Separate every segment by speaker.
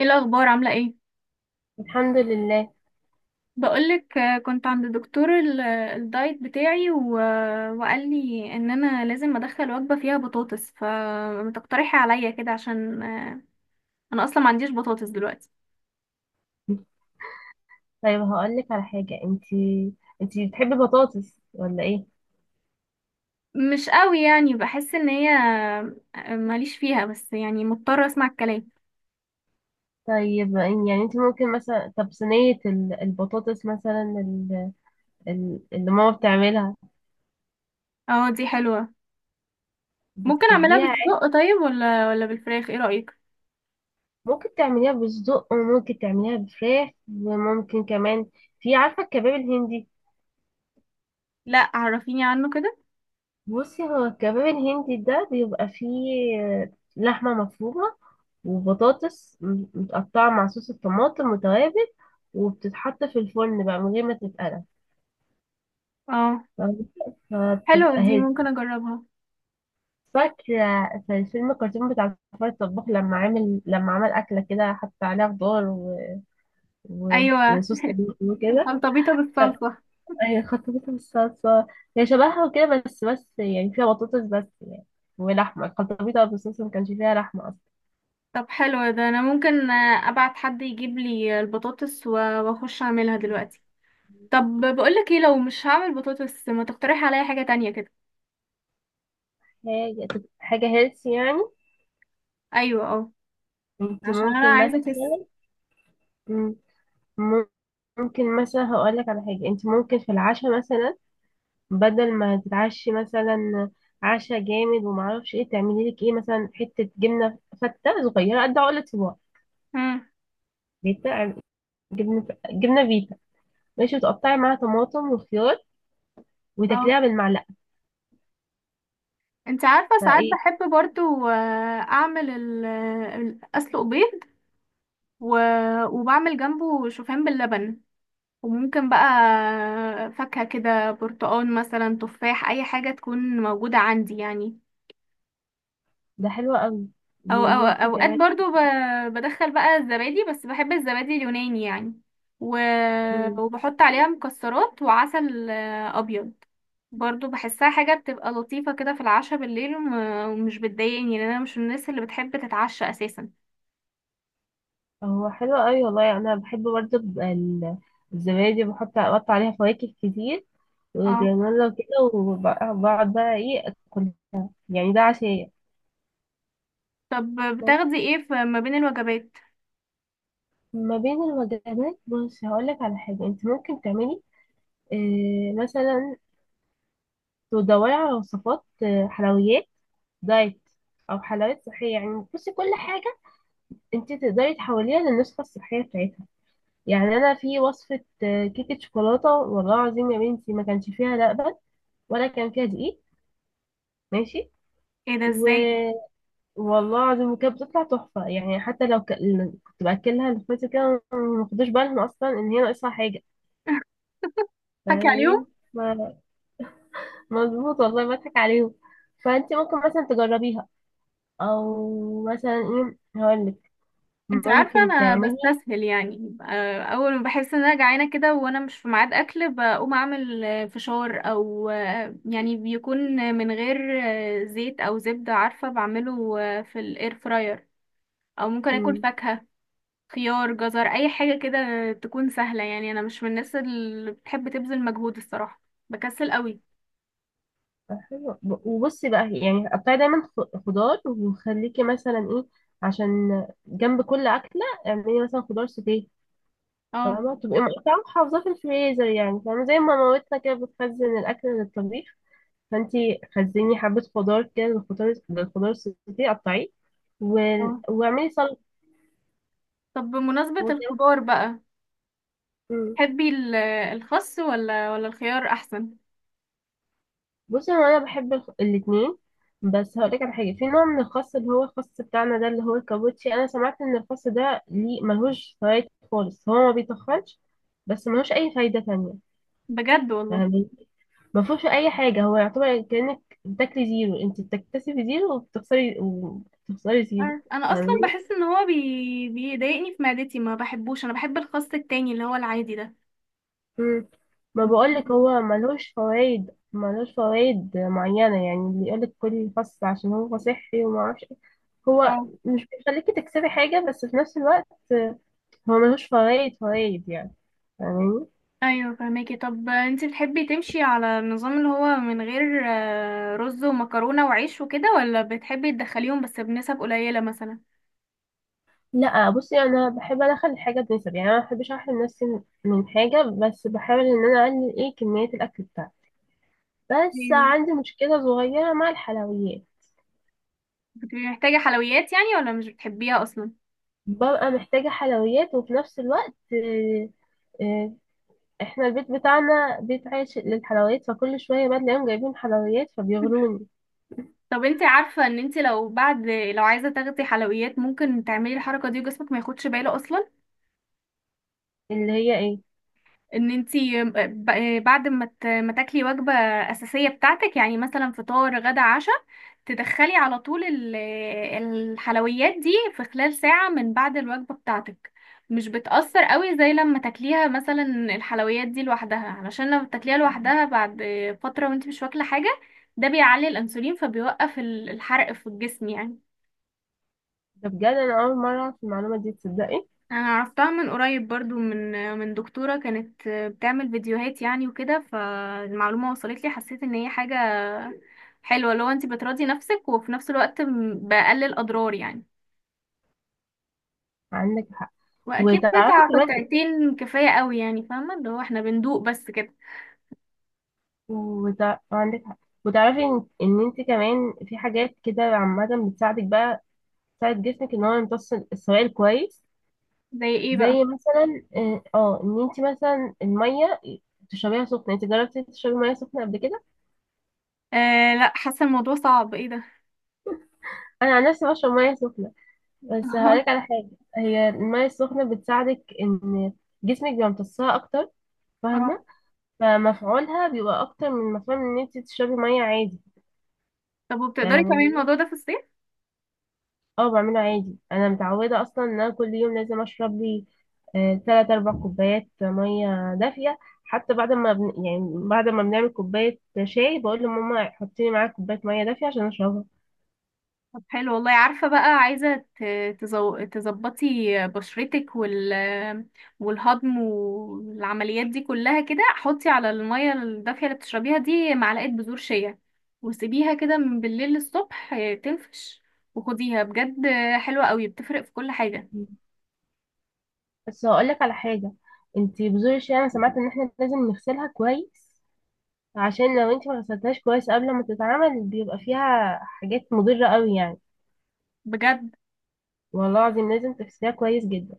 Speaker 1: ايه الاخبار عامله ايه؟
Speaker 2: الحمد لله.
Speaker 1: بقولك كنت عند دكتور الدايت بتاعي وقال لي ان انا لازم ادخل وجبه فيها بطاطس فتقترحي عليا كده عشان انا اصلا ما عنديش بطاطس دلوقتي.
Speaker 2: طيب، هقول لك على حاجة. انتي بتحبي بطاطس ولا ايه؟
Speaker 1: مش قوي يعني، بحس ان هي ماليش فيها، بس يعني مضطره اسمع الكلام.
Speaker 2: طيب، يعني انتي ممكن مثلا، طب صينية البطاطس مثلا، اللي ماما بتعملها.
Speaker 1: اه دي حلوه. ممكن اعملها
Speaker 2: بتحبيها عادي؟
Speaker 1: بالسجق طيب ولا بالفراخ؟ ايه رايك؟
Speaker 2: ممكن تعمليها بالصدق، وممكن تعمليها بفراخ، وممكن كمان. في عارفة الكباب الهندي؟
Speaker 1: لا عرفيني عنه كده.
Speaker 2: بصي، هو الكباب الهندي ده بيبقى فيه لحمة مفرومة، وبطاطس متقطعة مع صوص الطماطم وتوابل، وبتتحط في الفرن بقى من غير ما تتقلى.
Speaker 1: اه
Speaker 2: فاهمة؟
Speaker 1: حلوه
Speaker 2: فبتبقى
Speaker 1: دي، ممكن
Speaker 2: هيلثي.
Speaker 1: اجربها.
Speaker 2: فاكرة في الفيلم الكرتون بتاع فار الطباخ، لما عامل لما عمل أكلة كده، حط عليها خضار
Speaker 1: ايوه
Speaker 2: وصوص طماطم وكده.
Speaker 1: الخلطبيطه بالصلصه.
Speaker 2: هي خطفتها بالصلصة، هي شبهها وكده، بس يعني فيها بطاطس، بس يعني، ولحمة الخلطبيطة بالصلصة ما كانش فيها لحمة أصلا.
Speaker 1: طب حلو ده، انا ممكن ابعت حد يجيب لي البطاطس واخش اعملها دلوقتي. طب بقولك ايه، لو مش هعمل بطاطس ما تقترح عليا حاجة تانية كده؟
Speaker 2: حاجة هيلث يعني.
Speaker 1: ايوه اه،
Speaker 2: انت
Speaker 1: عشان انا
Speaker 2: ممكن
Speaker 1: عايزة اخس.
Speaker 2: مثلا، مم، ممكن مثلا هقولك على حاجة. انت ممكن في العشاء مثلا، بدل ما تتعشي مثلا عشاء جامد ومعرفش ايه، تعملي لك ايه، مثلا حتة جبنة فتة صغيرة قد عقلة صباع.
Speaker 1: مم،
Speaker 2: فيتا، جبنة فيتا، ماشي، وتقطعي معاها طماطم وخيار،
Speaker 1: اه.
Speaker 2: وتاكليها بالمعلقة.
Speaker 1: انت عارفة ساعات
Speaker 2: فايه،
Speaker 1: بحب برضو اعمل اسلق بيض و... وبعمل جنبه شوفان باللبن، وممكن بقى فاكهة كده، برتقال مثلا، تفاح، اي حاجة تكون موجودة عندي يعني.
Speaker 2: ده حلو قوي.
Speaker 1: او او
Speaker 2: وممكن
Speaker 1: اوقات
Speaker 2: كمان،
Speaker 1: برضو بدخل بقى الزبادي، بس بحب الزبادي اليوناني يعني، و... وبحط عليها مكسرات وعسل ابيض. برضو بحسها حاجة بتبقى لطيفة كده في العشاء بالليل، ومش بتضايقني لان انا مش من الناس اللي بتحب تتعشى اساسا.
Speaker 2: هو حلو قوي والله. يعني انا بحب برضه ال- الزبادي، بحط، اقطع عليها فواكه كتير
Speaker 1: اه.
Speaker 2: وجرانولا وكده، وبقعد بقى ايه اكل. يعني ده عشاء.
Speaker 1: طب بتاخدي ايه في ما بين الوجبات؟
Speaker 2: ما بين الوجبات، بص هقولك على حاجة انت ممكن تعملي إيه مثلا. تدوري على وصفات حلويات دايت، او حلويات صحية. يعني بصي، كل حاجة انت تقدري تحوليها للنسخة الصحية بتاعتها. يعني انا في وصفة كيكة شوكولاتة، والله العظيم يا بنتي، ما كانش فيها لبن، ولا كان فيها دقيق، ماشي،
Speaker 1: ايه ده،
Speaker 2: و
Speaker 1: ازاي؟
Speaker 2: والله العظيم، وكانت بتطلع تحفة يعني، حتى لو كنت بأكلها لاخواتي كده، ما خدوش بالهم أصلا إن هي ناقصها حاجة.
Speaker 1: حكي عليهم.
Speaker 2: يعني، ما- مظبوط والله، بضحك عليهم. فأنت ممكن مثلا تجربيها، أو مثلا إيه، هقولك
Speaker 1: انت عارفة
Speaker 2: ممكن
Speaker 1: انا
Speaker 2: تعملي،
Speaker 1: بستسهل، يعني اول ما بحس ان انا جعانة كده وانا مش في ميعاد اكل بقوم اعمل فشار، او يعني بيكون من غير زيت او زبدة، عارفة، بعمله في الاير فراير. او ممكن اكل
Speaker 2: مم،
Speaker 1: فاكهة، خيار، جزر، اي حاجة كده تكون سهلة، يعني انا مش من الناس اللي بتحب تبذل مجهود الصراحة، بكسل قوي.
Speaker 2: حلو. وبصي بقى، يعني قطعي دايما خضار، وخليكي مثلا إيه، عشان جنب كل أكلة اعملي مثلا خضار سوتيه.
Speaker 1: اه
Speaker 2: فاهمة؟ تبقي اه مقطعة محافظاه في الفريزر يعني، فاهمة؟ زي ما مامتنا كده بتخزن الأكل للطبيخ. فانتي خزني حبة خضار كده للخضار، السوتيه قطعيه، و...
Speaker 1: اه.
Speaker 2: واعملي سلطة
Speaker 1: طب بمناسبة
Speaker 2: وكده.
Speaker 1: الخضار بقى،
Speaker 2: مم.
Speaker 1: تحبي الخس ولا الخيار احسن؟
Speaker 2: بصي، هو أنا بحب الاتنين. بس هقولك على حاجة، في نوع من الخس اللي هو الخس بتاعنا ده، اللي هو الكابوتشي. أنا سمعت إن الخس ده ليه، ملهوش فوائد خالص. هو ما بيتخنش، بس ملهوش أي فايدة تانية.
Speaker 1: بجد والله؟
Speaker 2: فاهمة؟ ما فيهوش اي حاجه. هو يعتبر كانك بتاكلي زيرو، انت بتكتسبي زيرو، وبتخسري زيرو.
Speaker 1: عارف. انا اصلا
Speaker 2: فاهمين؟
Speaker 1: بحس ان هو بيضايقني في معدتي، ما بحبوش، انا بحب الخس التاني اللي هو العادي ده.
Speaker 2: مم. ما
Speaker 1: مش
Speaker 2: بقولك
Speaker 1: بحبه.
Speaker 2: هو ملهوش فوائد، ملهوش فوائد معينه يعني. اللي يقولك كل خس عشان هو صحي وما اعرفش إيه، هو
Speaker 1: اه.
Speaker 2: مش بيخليكي تكسبي حاجه، بس في نفس الوقت هو ملهوش فوائد، يعني. فاهمين؟
Speaker 1: ايوه فهماكي. طب انت بتحبي تمشي على النظام اللي هو من غير رز ومكرونه وعيش وكده، ولا بتحبي تدخليهم بس بنسب قليله مثلا؟
Speaker 2: لا، بصي انا بحب ادخل الحاجه بنسب، يعني انا ما بحبش احرم نفسي من حاجه، بس بحاول ان انا اقلل ايه، كميه الاكل بتاعي. بس
Speaker 1: ايوه.
Speaker 2: عندي مشكلة صغيرة مع الحلويات.
Speaker 1: بتبقي محتاجه حلويات يعني، ولا مش بتحبيها اصلا؟
Speaker 2: ببقى محتاجة حلويات، وفي نفس الوقت، آه، احنا البيت بتاعنا بيت عايش للحلويات، فكل شوية بقى تلاقيهم جايبين حلويات فبيغروني.
Speaker 1: طب انت عارفه ان انت لو بعد، لو عايزه تاخدي حلويات، ممكن تعملي الحركه دي وجسمك ما ياخدش باله اصلا؟
Speaker 2: اللي هي ايه؟
Speaker 1: ان انتي بعد ما تاكلي وجبة أساسية بتاعتك يعني، مثلا فطار، غدا، عشاء، تدخلي على طول الحلويات دي في خلال ساعة من بعد الوجبة بتاعتك، مش بتأثر قوي زي لما تاكليها مثلا الحلويات دي لوحدها، علشان لما تاكليها لوحدها بعد فترة وانتي مش واكلة حاجة، ده بيعلي الأنسولين فبيوقف الحرق في الجسم يعني.
Speaker 2: ده بجد، انا اول مرة اعرف المعلومة دي، تصدقي؟
Speaker 1: انا عرفتها من قريب برضو من دكتورة كانت بتعمل فيديوهات يعني وكده، فالمعلومة وصلت لي، حسيت ان هي حاجة حلوة لو انت بتراضي نفسك وفي نفس الوقت بقلل اضرار يعني.
Speaker 2: عندك حق.
Speaker 1: واكيد
Speaker 2: وتعرفي
Speaker 1: قطعة
Speaker 2: كمان إيه؟
Speaker 1: قطعتين كفاية قوي يعني، فاهمة اللي هو احنا بندوق بس كده.
Speaker 2: عندك حق. وتعرفي ان، انت كمان، في حاجات كده عامة بتساعدك بقى، تساعد جسمك ان هو يمتص السوائل كويس.
Speaker 1: زي ايه بقى؟
Speaker 2: زي مثلا ان انت مثلا الميه تشربيها سخنه. انت جربتي تشربي ميه سخنه قبل كده؟
Speaker 1: آه لا حاسة الموضوع صعب، ايه ده؟
Speaker 2: انا عن نفسي بشرب ميه سخنه. بس هقولك على حاجه، هي الميه السخنه بتساعدك ان جسمك بيبقى امتصها اكتر.
Speaker 1: اه.
Speaker 2: فاهمه؟ فمفعولها بيبقى اكتر من مفعول ان انت تشربي ميه عادي.
Speaker 1: طب وبتقدري
Speaker 2: يعني
Speaker 1: تعملي الموضوع ده في الصيف؟
Speaker 2: اه، بعمله عادي. انا متعوده اصلا ان انا كل يوم لازم اشرب لي تلات اربع كوبايات ميه دافيه. حتى بعد ما يعني، بعد ما بنعمل كوبايه شاي، بقول لماما حطي لي معاها كوبايه ميه دافيه عشان اشربها.
Speaker 1: طب حلو والله. عارفة بقى، عايزة تظبطي بشرتك والهضم والعمليات دي كلها كده، حطي على المية الدافية اللي بتشربيها دي معلقة بذور شيا، وسيبيها كده من بالليل للصبح، تنفش، وخديها بجد، حلوة قوي، بتفرق في كل حاجة.
Speaker 2: بس هقول لك على حاجه، انتي بذور الشاي انا سمعت ان احنا لازم نغسلها كويس، عشان لو انتي ما غسلتهاش كويس قبل ما تتعمل، بيبقى فيها حاجات مضره قوي يعني.
Speaker 1: بجد؟
Speaker 2: والله العظيم لازم تغسليها كويس جدا.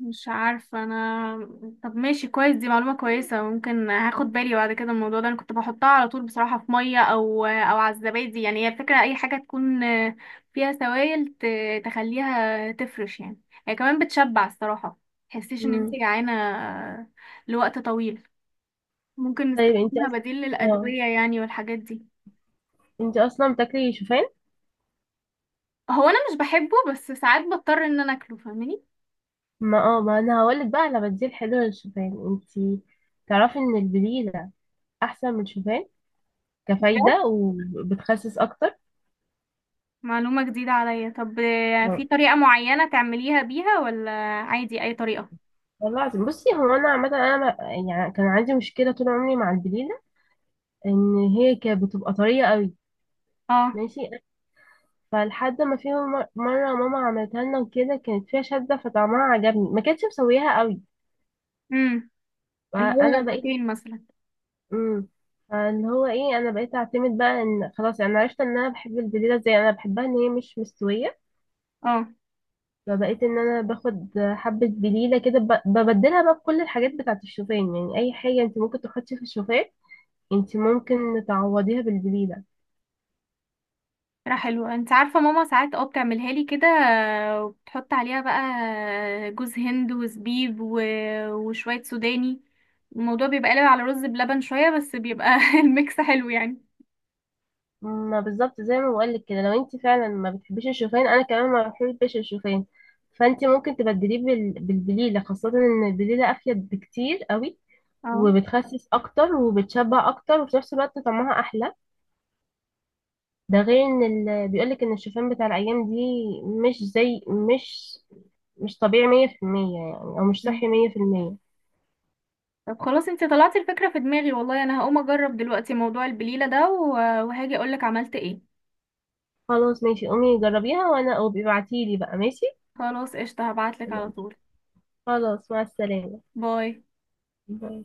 Speaker 1: مش عارفة انا. طب ماشي كويس، دي معلومة كويسة، ممكن هاخد بالي بعد كده من الموضوع ده. انا كنت بحطها على طول بصراحة في مية، او او على الزبادي يعني، هي الفكرة اي حاجة تكون فيها سوائل تخليها تفرش يعني. هي كمان بتشبع الصراحة، تحسيش ان انت
Speaker 2: مم.
Speaker 1: جعانة لوقت طويل، ممكن
Speaker 2: طيب، انتي
Speaker 1: نستخدمها
Speaker 2: أص...
Speaker 1: بديل
Speaker 2: اه
Speaker 1: للأدوية يعني والحاجات دي.
Speaker 2: انتي اصلا بتاكلي شوفان.
Speaker 1: هو انا مش بحبه، بس ساعات بضطر ان انا اكله، فاهماني.
Speaker 2: ما انا هقولك بقى على بديل حلو للشوفان. انتي تعرفي ان البليلة احسن من الشوفان كفايدة، وبتخسس اكتر.
Speaker 1: معلومة جديدة عليا. طب في
Speaker 2: والله
Speaker 1: طريقة معينة تعمليها بيها ولا عادي أي طريقة؟
Speaker 2: العظيم، بصي، هو انا عامة، انا ما- يعني كان عندي مشكلة طول عمري مع البليلة، ان هي كانت بتبقى طرية قوي،
Speaker 1: اه.
Speaker 2: ماشي. فلحد ما في مرة ماما عملتها لنا وكده، كانت فيها شدة، فطعمها عجبني، ما كانتش مسويها قوي.
Speaker 1: امم. اللي هو
Speaker 2: فانا بقيت،
Speaker 1: الوتين مثلا.
Speaker 2: امم اللي هو ايه، انا بقيت اعتمد بقى ان خلاص، يعني انا عرفت ان انا بحب البليلة، زي انا بحبها ان هي مش مستوية.
Speaker 1: اه.
Speaker 2: فبقيت ان انا باخد حبة بليلة كده، ببدلها بقى بكل الحاجات بتاعة الشوفان يعني. اي حاجة انت ممكن تحطي في الشوفان، انت ممكن تعوضيها بالبليلة.
Speaker 1: فكرة حلوة. انت عارفة ماما ساعات اه بتعملها لي كده، وبتحط عليها بقى جوز هند وزبيب وشوية سوداني، الموضوع بيبقى قلب على رز بلبن شوية بس بيبقى الميكس حلو يعني.
Speaker 2: ما بالظبط زي ما بقولك كده، لو انت فعلا ما بتحبيش الشوفان، انا كمان ما بحبش الشوفان. فانت ممكن تبدليه بالبليلة، خاصة ان البليلة افيد بكتير قوي،
Speaker 1: اه.
Speaker 2: وبتخسس اكتر، وبتشبع اكتر، وفي نفس الوقت طعمها احلى. ده غير ان بيقولك ان الشوفان بتاع الايام دي، مش زي مش مش طبيعي 100% يعني، او مش
Speaker 1: مم.
Speaker 2: صحي 100%.
Speaker 1: طب خلاص انت طلعتي الفكرة في دماغي والله، انا هقوم اجرب دلوقتي موضوع البليلة ده وهاجي اقولك عملت ايه.
Speaker 2: خلاص ماشي، قومي جربيها، او ابعتيلي بقى ماشي.
Speaker 1: خلاص قشطة، هبعتلك على
Speaker 2: ماشي،
Speaker 1: طول.
Speaker 2: خلاص، مع السلامة.
Speaker 1: باي.
Speaker 2: باي.